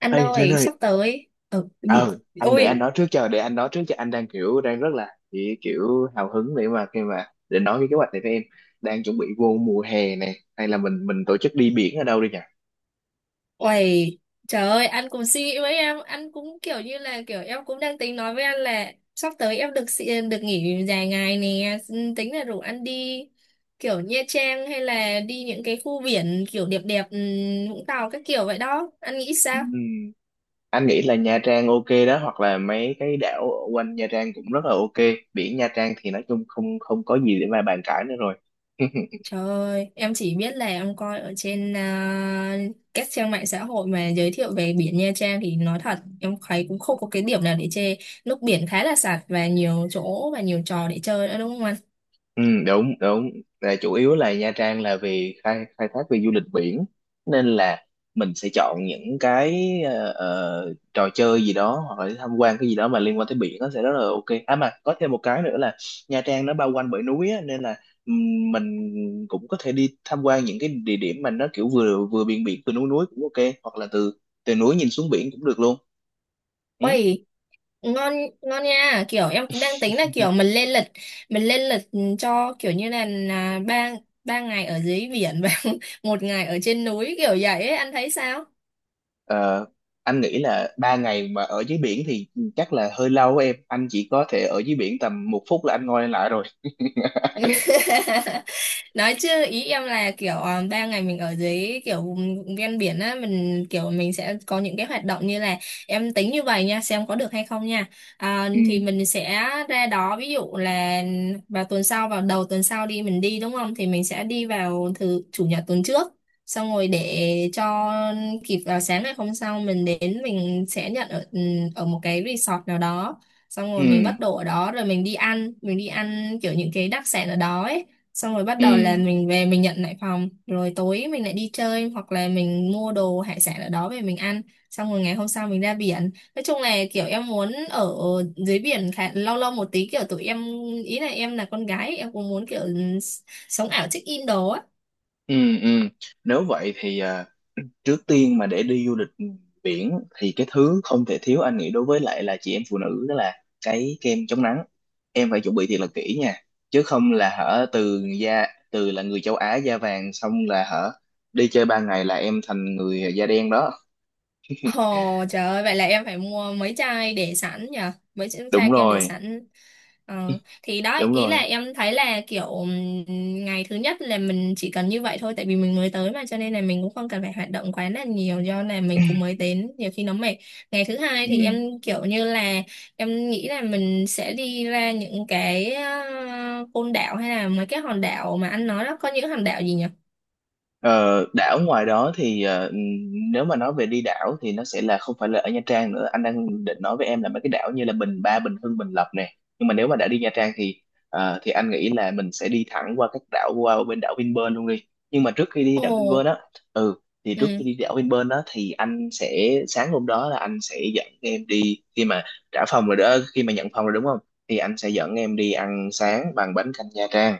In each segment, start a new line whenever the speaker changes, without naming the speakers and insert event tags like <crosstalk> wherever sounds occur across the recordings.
Anh
Ê Linh
ơi,
ơi,
sắp tới. Ừ.
ờ
<laughs>
anh để anh
Ôi,
nói trước cho, anh đang đang rất là chỉ hào hứng để mà khi mà để nói cái kế hoạch này với em. Đang chuẩn bị vô mùa hè này, hay là mình tổ chức đi biển ở đâu đi nhỉ?
uầy, trời ơi, anh cũng suy nghĩ với em, anh cũng kiểu như là kiểu em cũng đang tính nói với anh là sắp tới em được nghỉ dài ngày nè. Ừ, tính là rủ anh đi kiểu Nha Trang hay là đi những cái khu biển kiểu đẹp đẹp, Vũng Tàu các kiểu vậy đó. Anh nghĩ sao?
Ừm, anh nghĩ là Nha Trang ok đó, hoặc là mấy cái đảo ở quanh Nha Trang cũng rất là ok. Biển Nha Trang thì nói chung không không có gì để mà bàn cãi nữa rồi. <laughs>
Trời ơi, em chỉ biết là em coi ở trên à, các trang mạng xã hội mà giới thiệu về biển Nha Trang thì nói thật em thấy cũng không có cái điểm nào để chê. Nước biển khá là sạch và nhiều chỗ và nhiều trò để chơi nữa, đúng không anh?
Ừ, đúng đúng là chủ yếu là Nha Trang là vì khai khai thác về du lịch biển, nên là mình sẽ chọn những cái trò chơi gì đó, hoặc là tham quan cái gì đó mà liên quan tới biển, nó sẽ rất là ok. À mà có thêm một cái nữa là Nha Trang nó bao quanh bởi núi á, nên là mình cũng có thể đi tham quan những cái địa điểm mà nó kiểu vừa vừa biển biển vừa núi núi cũng ok, hoặc là từ từ núi nhìn xuống biển cũng được luôn, ừ?
Ôi, ngon, ngon nha. Kiểu em cũng đang tính là kiểu mình lên lịch, cho kiểu như là ba ba ngày ở dưới biển và <laughs> một ngày ở trên núi kiểu vậy ấy, anh thấy sao?
Ờ, anh nghĩ là ba ngày mà ở dưới biển thì chắc là hơi lâu em, anh chỉ có thể ở dưới biển tầm một phút là anh ngồi lại rồi.
<laughs> Nói chứ ý em là kiểu 3 ngày mình ở dưới kiểu vùng ven biển á, mình kiểu mình sẽ có những cái hoạt động như là, em tính như vậy nha, xem có được hay không nha. À, thì
Ừ,
mình sẽ ra đó, ví dụ là vào tuần sau, vào đầu tuần sau đi, mình đi đúng không, thì mình sẽ đi vào thứ chủ nhật tuần trước, xong rồi để cho kịp vào sáng ngày hôm sau mình đến, mình sẽ nhận ở một cái resort nào đó. Xong
ừ,
rồi mình bắt đồ ở đó rồi mình đi ăn, mình đi ăn kiểu những cái đặc sản ở đó ấy. Xong rồi bắt
ừ,
đầu là mình về, mình nhận lại phòng rồi tối mình lại đi chơi, hoặc là mình mua đồ hải sản ở đó về mình ăn. Xong rồi ngày hôm sau mình ra biển. Nói chung là kiểu em muốn ở dưới biển khá lâu lâu một tí, kiểu tụi em, ý là em là con gái em cũng muốn kiểu sống ảo check in đồ á.
ừ, ừ. Nếu vậy thì à, trước tiên mà để đi du lịch biển thì cái thứ không thể thiếu, anh nghĩ đối với lại là chị em phụ nữ, đó là cái kem chống nắng. Em phải chuẩn bị thiệt là kỹ nha, chứ không là hở, từ da, từ là người châu Á da vàng xong là hở, đi chơi ba ngày là em thành người da đen đó.
Ồ trời ơi, vậy là em phải mua mấy chai để sẵn nhờ, mấy chai
Đúng
chai kem để
rồi,
sẵn. Ờ, thì đó,
đúng
ý là
rồi,
em thấy là kiểu ngày thứ nhất là mình chỉ cần như vậy thôi, tại vì mình mới tới mà, cho nên là mình cũng không cần phải hoạt động quá là nhiều, do là mình cũng mới đến nhiều khi nó mệt. Ngày thứ hai
ừ.
thì em kiểu như là, em nghĩ là mình sẽ đi ra những cái côn đảo, hay là mấy cái hòn đảo mà anh nói đó, có những hòn đảo gì nhỉ?
Ờ, đảo ngoài đó thì ờ, nếu mà nói về đi đảo thì nó sẽ là không phải là ở Nha Trang nữa, anh đang định nói với em là mấy cái đảo như là Bình Ba, Bình Hưng, Bình Lập nè. Nhưng mà nếu mà đã đi Nha Trang thì ờ, thì anh nghĩ là mình sẽ đi thẳng qua các đảo, qua bên đảo Vinpearl luôn đi. Nhưng mà trước khi đi
Ồ.
đảo Vinpearl á, ừ, thì trước
Ừ.
khi đi đảo Vinpearl á thì anh sẽ, sáng hôm đó là anh sẽ dẫn em đi khi mà trả phòng rồi đó, khi mà nhận phòng rồi đúng không, thì anh sẽ dẫn em đi ăn sáng bằng bánh canh Nha Trang.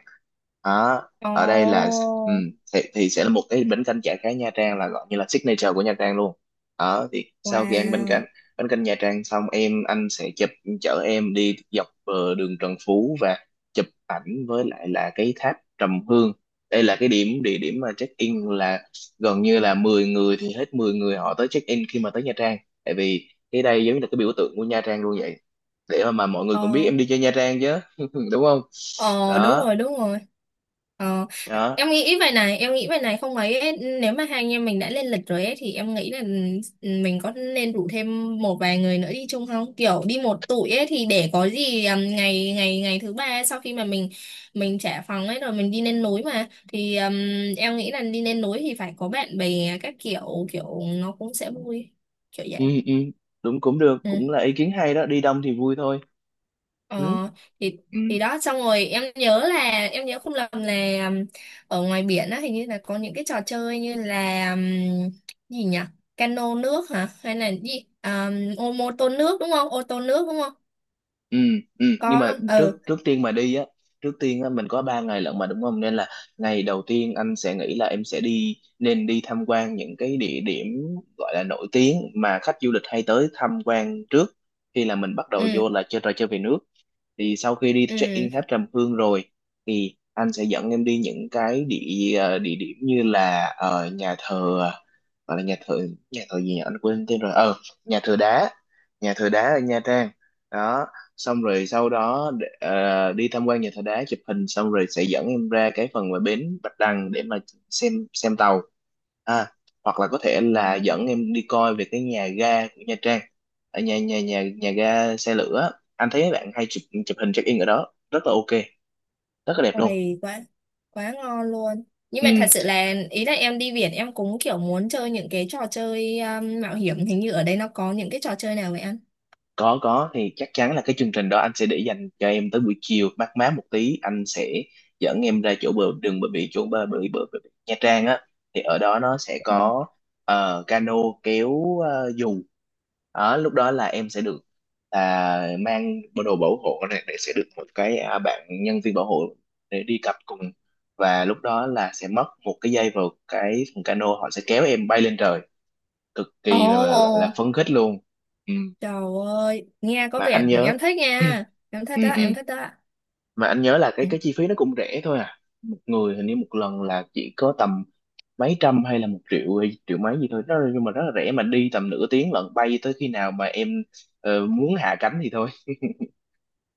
Đó,
Ồ.
ở đây là ừ, thì sẽ là một cái bánh canh chả cá Nha Trang, là gọi như là signature của Nha Trang luôn. Đó, thì sau khi ăn bánh canh,
Wow.
Nha Trang xong em, anh sẽ chở em đi dọc ờ, đường Trần Phú và chụp ảnh với lại là cái tháp Trầm Hương. Đây là cái điểm địa điểm mà check in là gần như là 10 người thì hết 10 người họ tới check in khi mà tới Nha Trang. Tại vì cái đây giống như là cái biểu tượng của Nha Trang luôn vậy. Để mà mọi người cũng biết
Ờ.
em đi chơi Nha Trang chứ, <laughs> đúng không?
Ờ, đúng
Đó,
rồi, đúng rồi. ờ,
đó,
Em nghĩ vậy này, không ấy ấy, nếu mà hai anh em mình đã lên lịch rồi ấy, thì em nghĩ là, ừ, mình có nên rủ thêm một vài người nữa đi chung không, kiểu đi một tụi ấy thì để có gì. Ngày ngày ngày thứ ba, sau khi mà mình trả phòng ấy rồi mình đi lên núi mà thì em nghĩ là đi lên núi thì phải có bạn bè các kiểu, kiểu nó cũng sẽ vui, kiểu
ừ,
vậy.
ừ, đúng, cũng được, cũng là
Ừ.
ý kiến hay đó, đi đông thì vui thôi.
Ờ,
Ừ.
thì
Ừ.
thì đó, xong rồi em nhớ là, em nhớ không lầm là ở ngoài biển á hình như là có những cái trò chơi như là gì nhỉ, cano nước hả, hay là gì, ô mô tô nước đúng không, ô tô nước đúng không,
Ừ, ừ, nhưng
có
mà
không?
trước
Ừ.
trước tiên mà đi á, trước tiên á, mình có 3 ngày lận mà đúng không, nên là ngày đầu tiên anh sẽ nghĩ là em sẽ đi, nên đi tham quan những cái địa điểm gọi là nổi tiếng mà khách du lịch hay tới tham quan trước, khi là mình bắt đầu
Ừ.
vô là chơi trò chơi về nước. Thì sau khi đi check
Ừ.
in tháp Trầm Hương rồi thì anh sẽ dẫn em đi những cái địa điểm như là ờ, nhà thờ, gọi là nhà thờ, nhà thờ gì nhỉ anh quên tên rồi ờ nhà thờ đá, nhà thờ đá ở Nha Trang. Đó. Xong rồi sau đó đi tham quan nhà thờ đá, chụp hình xong rồi sẽ dẫn em ra cái phần mà bến Bạch Đằng để mà xem tàu, à, hoặc là có thể là dẫn em đi coi về cái nhà ga của Nha Trang, ở nhà nhà nhà nhà ga xe lửa. Anh thấy mấy bạn hay chụp chụp hình check in ở đó rất là ok, rất là đẹp luôn.
Uầy, quá quá ngon luôn. Nhưng mà thật
Ừ,
sự là ý là em đi biển em cũng kiểu muốn chơi những cái trò chơi mạo hiểm, hình như ở đây nó có những cái trò chơi nào vậy anh?
có, thì chắc chắn là cái chương trình đó anh sẽ để dành cho em tới buổi chiều mát má một tí, anh sẽ dẫn em ra chỗ bờ đường bờ biển, chỗ bờ biển Nha Trang á, thì ở đó nó sẽ
Ừ.
có ờ, cano kéo ờ, dù. Đó, lúc đó là em sẽ được là mang bộ đồ bảo hộ này để sẽ được một cái à, bạn nhân viên bảo hộ để đi cặp cùng, và lúc đó là sẽ mất một cái dây vào cái thùng cano, họ sẽ kéo em bay lên trời, cực
Ồ.
kỳ là, gọi là phấn khích luôn. Ừ,
Trời ơi, nghe có
mà anh
vẻ
nhớ
em thích nha. Em
<clears throat>
thích
ừ,
đó,
ừ,
em thích đó.
mà anh nhớ là
Ừ.
cái chi phí nó cũng rẻ thôi à. Một người hình như một lần là chỉ có tầm mấy trăm, hay là một triệu hay triệu mấy gì thôi đó, nhưng mà rất là rẻ mà đi tầm nửa tiếng lận, bay tới khi nào mà em ờ, muốn hạ cánh thì thôi.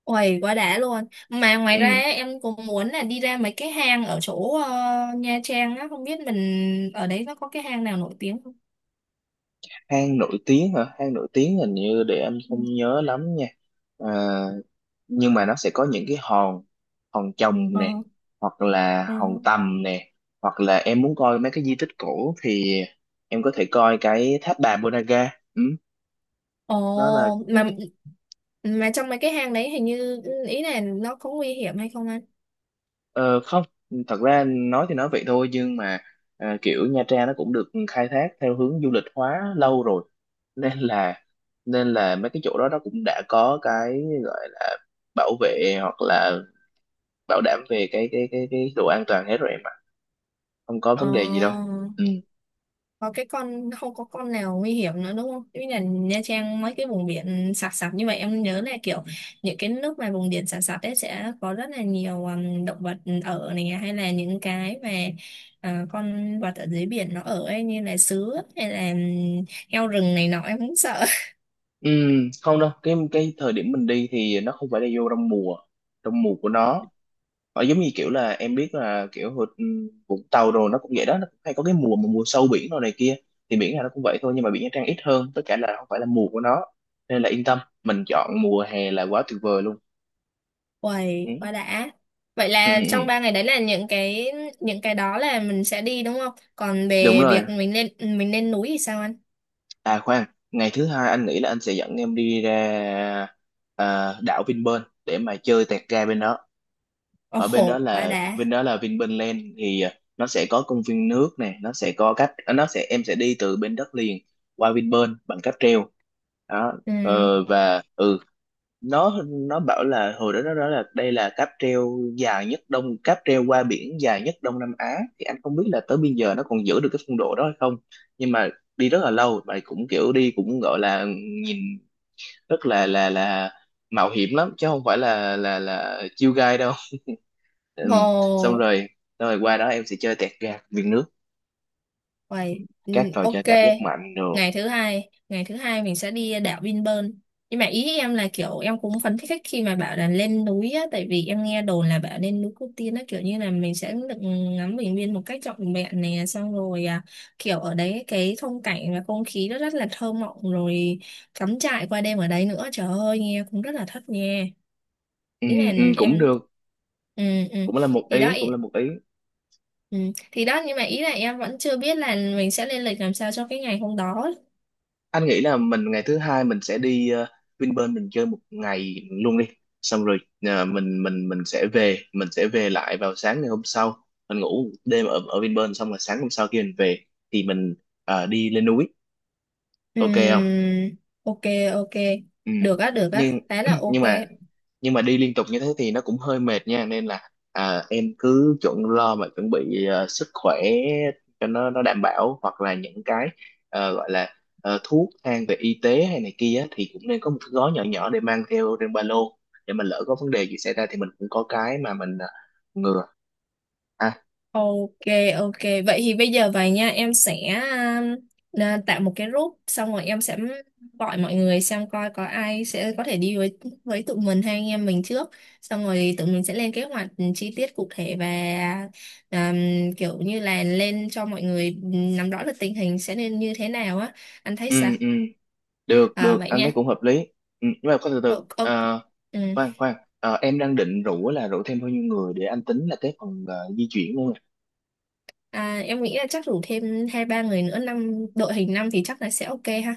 Uầy, quá đã luôn. Mà ngoài
Ừ.
ra á, em cũng muốn là đi ra mấy cái hang ở chỗ Nha Trang á, không biết mình ở đấy nó có cái hang nào nổi tiếng không?
Hang nổi tiếng hả? Hang nổi tiếng hình như, để anh
Ừ.
không nhớ lắm nha. À, nhưng mà nó sẽ có những cái hòn, hòn Chồng nè,
Ờ,
hoặc là
ờ.
hòn Tầm nè, hoặc là em muốn coi mấy cái di tích cổ thì em có thể coi cái tháp bà Ponagar, ừ, nó là
Ồ,
ừ,
mà trong mấy cái hang đấy hình như, ý là nó có nguy hiểm hay không anh?
ờ, không, thật ra nói thì nói vậy thôi, nhưng mà ờ, kiểu Nha Trang nó cũng được khai thác theo hướng du lịch hóa lâu rồi, nên là, nên là mấy cái chỗ đó nó cũng đã có cái gọi là bảo vệ, hoặc là bảo đảm về cái độ an toàn hết rồi em ạ, không có
Ờ.
vấn đề gì đâu. Ừ.
Có cái con, không có con nào nguy hiểm nữa đúng không? Như là Nha Trang mấy cái vùng biển sạt sạt như vậy, em nhớ là kiểu những cái nước mà vùng biển sạt sạt ấy sẽ có rất là nhiều động vật ở này, à, hay là những cái mà, à, con vật ở dưới biển nó ở ấy, như là sứa hay là heo rừng này nọ, em cũng sợ.
Ừ, không đâu, cái thời điểm mình đi thì nó không phải là vô trong mùa, trong mùa của nó. Nó giống như kiểu là em biết là kiểu ừ, Vũng Tàu rồi nó cũng vậy đó, nó cũng hay có cái mùa mà mùa sâu biển rồi này kia, thì biển nào nó cũng vậy thôi, nhưng mà biển Nha Trang ít hơn, tất cả là không phải là mùa của nó, nên là yên tâm, mình chọn mùa hè là quá tuyệt vời luôn.
<laughs>
Ừ.
Uầy, quá đã. Vậy
Ừ, ừ,
là trong
ừ,
3 ngày đấy là những cái đó là mình sẽ đi đúng không? Còn
đúng
về
rồi.
việc mình lên núi thì sao anh?
À khoan, ngày thứ hai anh nghĩ là anh sẽ dẫn em đi ra à, đảo Vinpearl để mà chơi tẹt ga bên đó. Ở bên đó
Ồ, quá
là,
đã.
bên đó là Vinpearl Land, thì à, nó sẽ có công viên nước nè, nó sẽ có cách à, nó sẽ, em sẽ đi từ bên đất liền qua Vinpearl bằng cáp treo. Đó,
Ừ.
ờ, và ừ, nó bảo là hồi đó nó nói là đây là cáp treo dài nhất đông, cáp treo qua biển dài nhất Đông Nam Á, thì anh không biết là tới bây giờ nó còn giữ được cái phong độ đó hay không, nhưng mà đi rất là lâu và cũng kiểu đi cũng gọi là nhìn rất là mạo hiểm lắm, chứ không phải là chill guy đâu. Ừm, xong
Ồ.
rồi, xong rồi qua đó em sẽ chơi tẹt gạt viên nước,
Vậy, ừ,
các trò chơi
ok.
cảm giác mạnh rồi.
Ngày thứ hai mình sẽ đi đảo Vinpearl. Nhưng mà ý em là kiểu em cũng phấn khích khi mà bảo là lên núi á, tại vì em nghe đồn là bảo lên núi Cô Tiên á, kiểu như là mình sẽ được ngắm bình nguyên một cách trọn vẹn nè, xong rồi à, kiểu ở đấy cái phong cảnh và không khí nó rất là thơ mộng, rồi cắm trại qua đêm ở đấy nữa, trời ơi nghe cũng rất là thất nha. Ý
Ừm,
là
cũng
em,
được,
ừ, ừ.
cũng là một
Thì đó.
ý, cũng là một ý.
Ừ. Thì đó, nhưng mà ý là em vẫn chưa biết là mình sẽ lên lịch làm sao cho cái ngày hôm đó.
Anh nghĩ là mình ngày thứ hai mình sẽ đi Vinpearl, mình chơi một ngày luôn đi, xong rồi ờ, mình sẽ về, mình sẽ về lại vào sáng ngày hôm sau, mình ngủ đêm ở ở Vinpearl, xong rồi sáng hôm sau khi mình về thì mình ờ, đi lên núi,
Ừ.
ok không?
Ok, ok.
Ừ.
Được á, được á.
Nhưng
Thế là
<clears throat>
ok.
nhưng mà nhưng mà đi liên tục như thế thì nó cũng hơi mệt nha, nên là à, em cứ chuẩn lo mà chuẩn bị ờ, sức khỏe cho nó đảm bảo, hoặc là những cái ờ, gọi là ờ, thuốc thang về y tế hay này kia á, thì cũng nên có một cái gói nhỏ nhỏ để mang theo trên ba lô, để mà lỡ có vấn đề gì xảy ra thì mình cũng có cái mà mình ờ, ngừa. À,
Ok, ok. Vậy thì bây giờ vậy nha, em sẽ tạo một cái group xong rồi em sẽ gọi mọi người xem coi có ai sẽ có thể đi với tụi mình hay anh em mình trước. Xong rồi tụi mình sẽ lên kế hoạch chi tiết cụ thể và um, kiểu như là lên cho mọi người nắm rõ được tình hình sẽ nên như thế nào á. Anh thấy
ừ,
sao?
ừ, được,
À
được,
vậy
anh
nha.
thấy cũng hợp lý. Ừ, nhưng mà có từ từ.
Ờ, ok.
Ờ,
Ừ.
khoan khoan. Ờ, em đang định rủ là rủ thêm bao nhiêu người để anh tính là cái phần ờ, di chuyển luôn nè.
À, em nghĩ là chắc rủ thêm hai ba người nữa, năm, đội hình năm thì chắc là sẽ ok ha.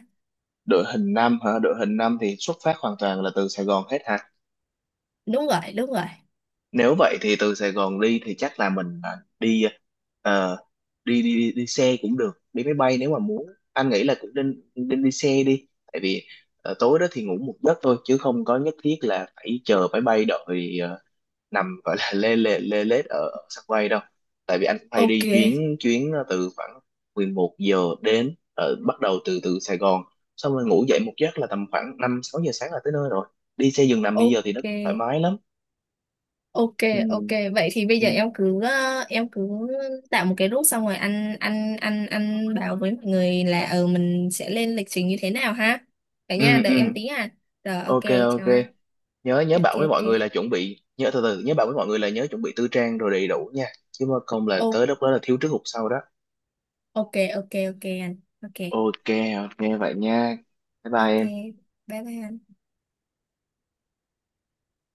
Đội hình năm hả? Đội hình năm thì xuất phát hoàn toàn là từ Sài Gòn hết hả?
Đúng rồi, đúng rồi.
Nếu vậy thì từ Sài Gòn đi thì chắc là mình đi ờ, đi, đi đi đi xe cũng được, đi máy bay nếu mà muốn. Anh nghĩ là cũng nên nên đi xe đi, tại vì ờ, tối đó thì ngủ một giấc thôi, chứ không có nhất thiết là phải chờ máy bay, đợi ờ, nằm gọi là lê lê lê lết ở, sân bay đâu. Tại vì anh cũng phải
Ok,
đi chuyến chuyến ờ, từ khoảng 11 giờ đến ờ, bắt đầu từ từ Sài Gòn, xong rồi ngủ dậy một giấc là tầm khoảng 5 6 giờ sáng là tới nơi rồi. Đi xe giường nằm bây giờ thì nó
ok,
thoải mái lắm.
ok,
Ừ,
ok. Vậy thì bây
ừ,
giờ em cứ, em cứ tạo một cái group xong rồi anh bảo với mọi người là mình sẽ lên lịch trình như thế nào ha. Vậy nha,
ừ, ừ,
đợi em tí à. Rồi ok,
ok, ok.
chào anh.
Nhớ, nhớ
Ok,
bảo với mọi
ok.
người là chuẩn bị nhớ từ từ, nhớ bảo với mọi người là nhớ chuẩn bị tư trang rồi đầy đủ nha, chứ mà không là
Ô,
tới lúc đó là thiếu trước hụt sau đó.
ok, ok, ok anh. Ok.
Ok, ok vậy nha. Bye bye
Ok.
em.
Bye bye, anh.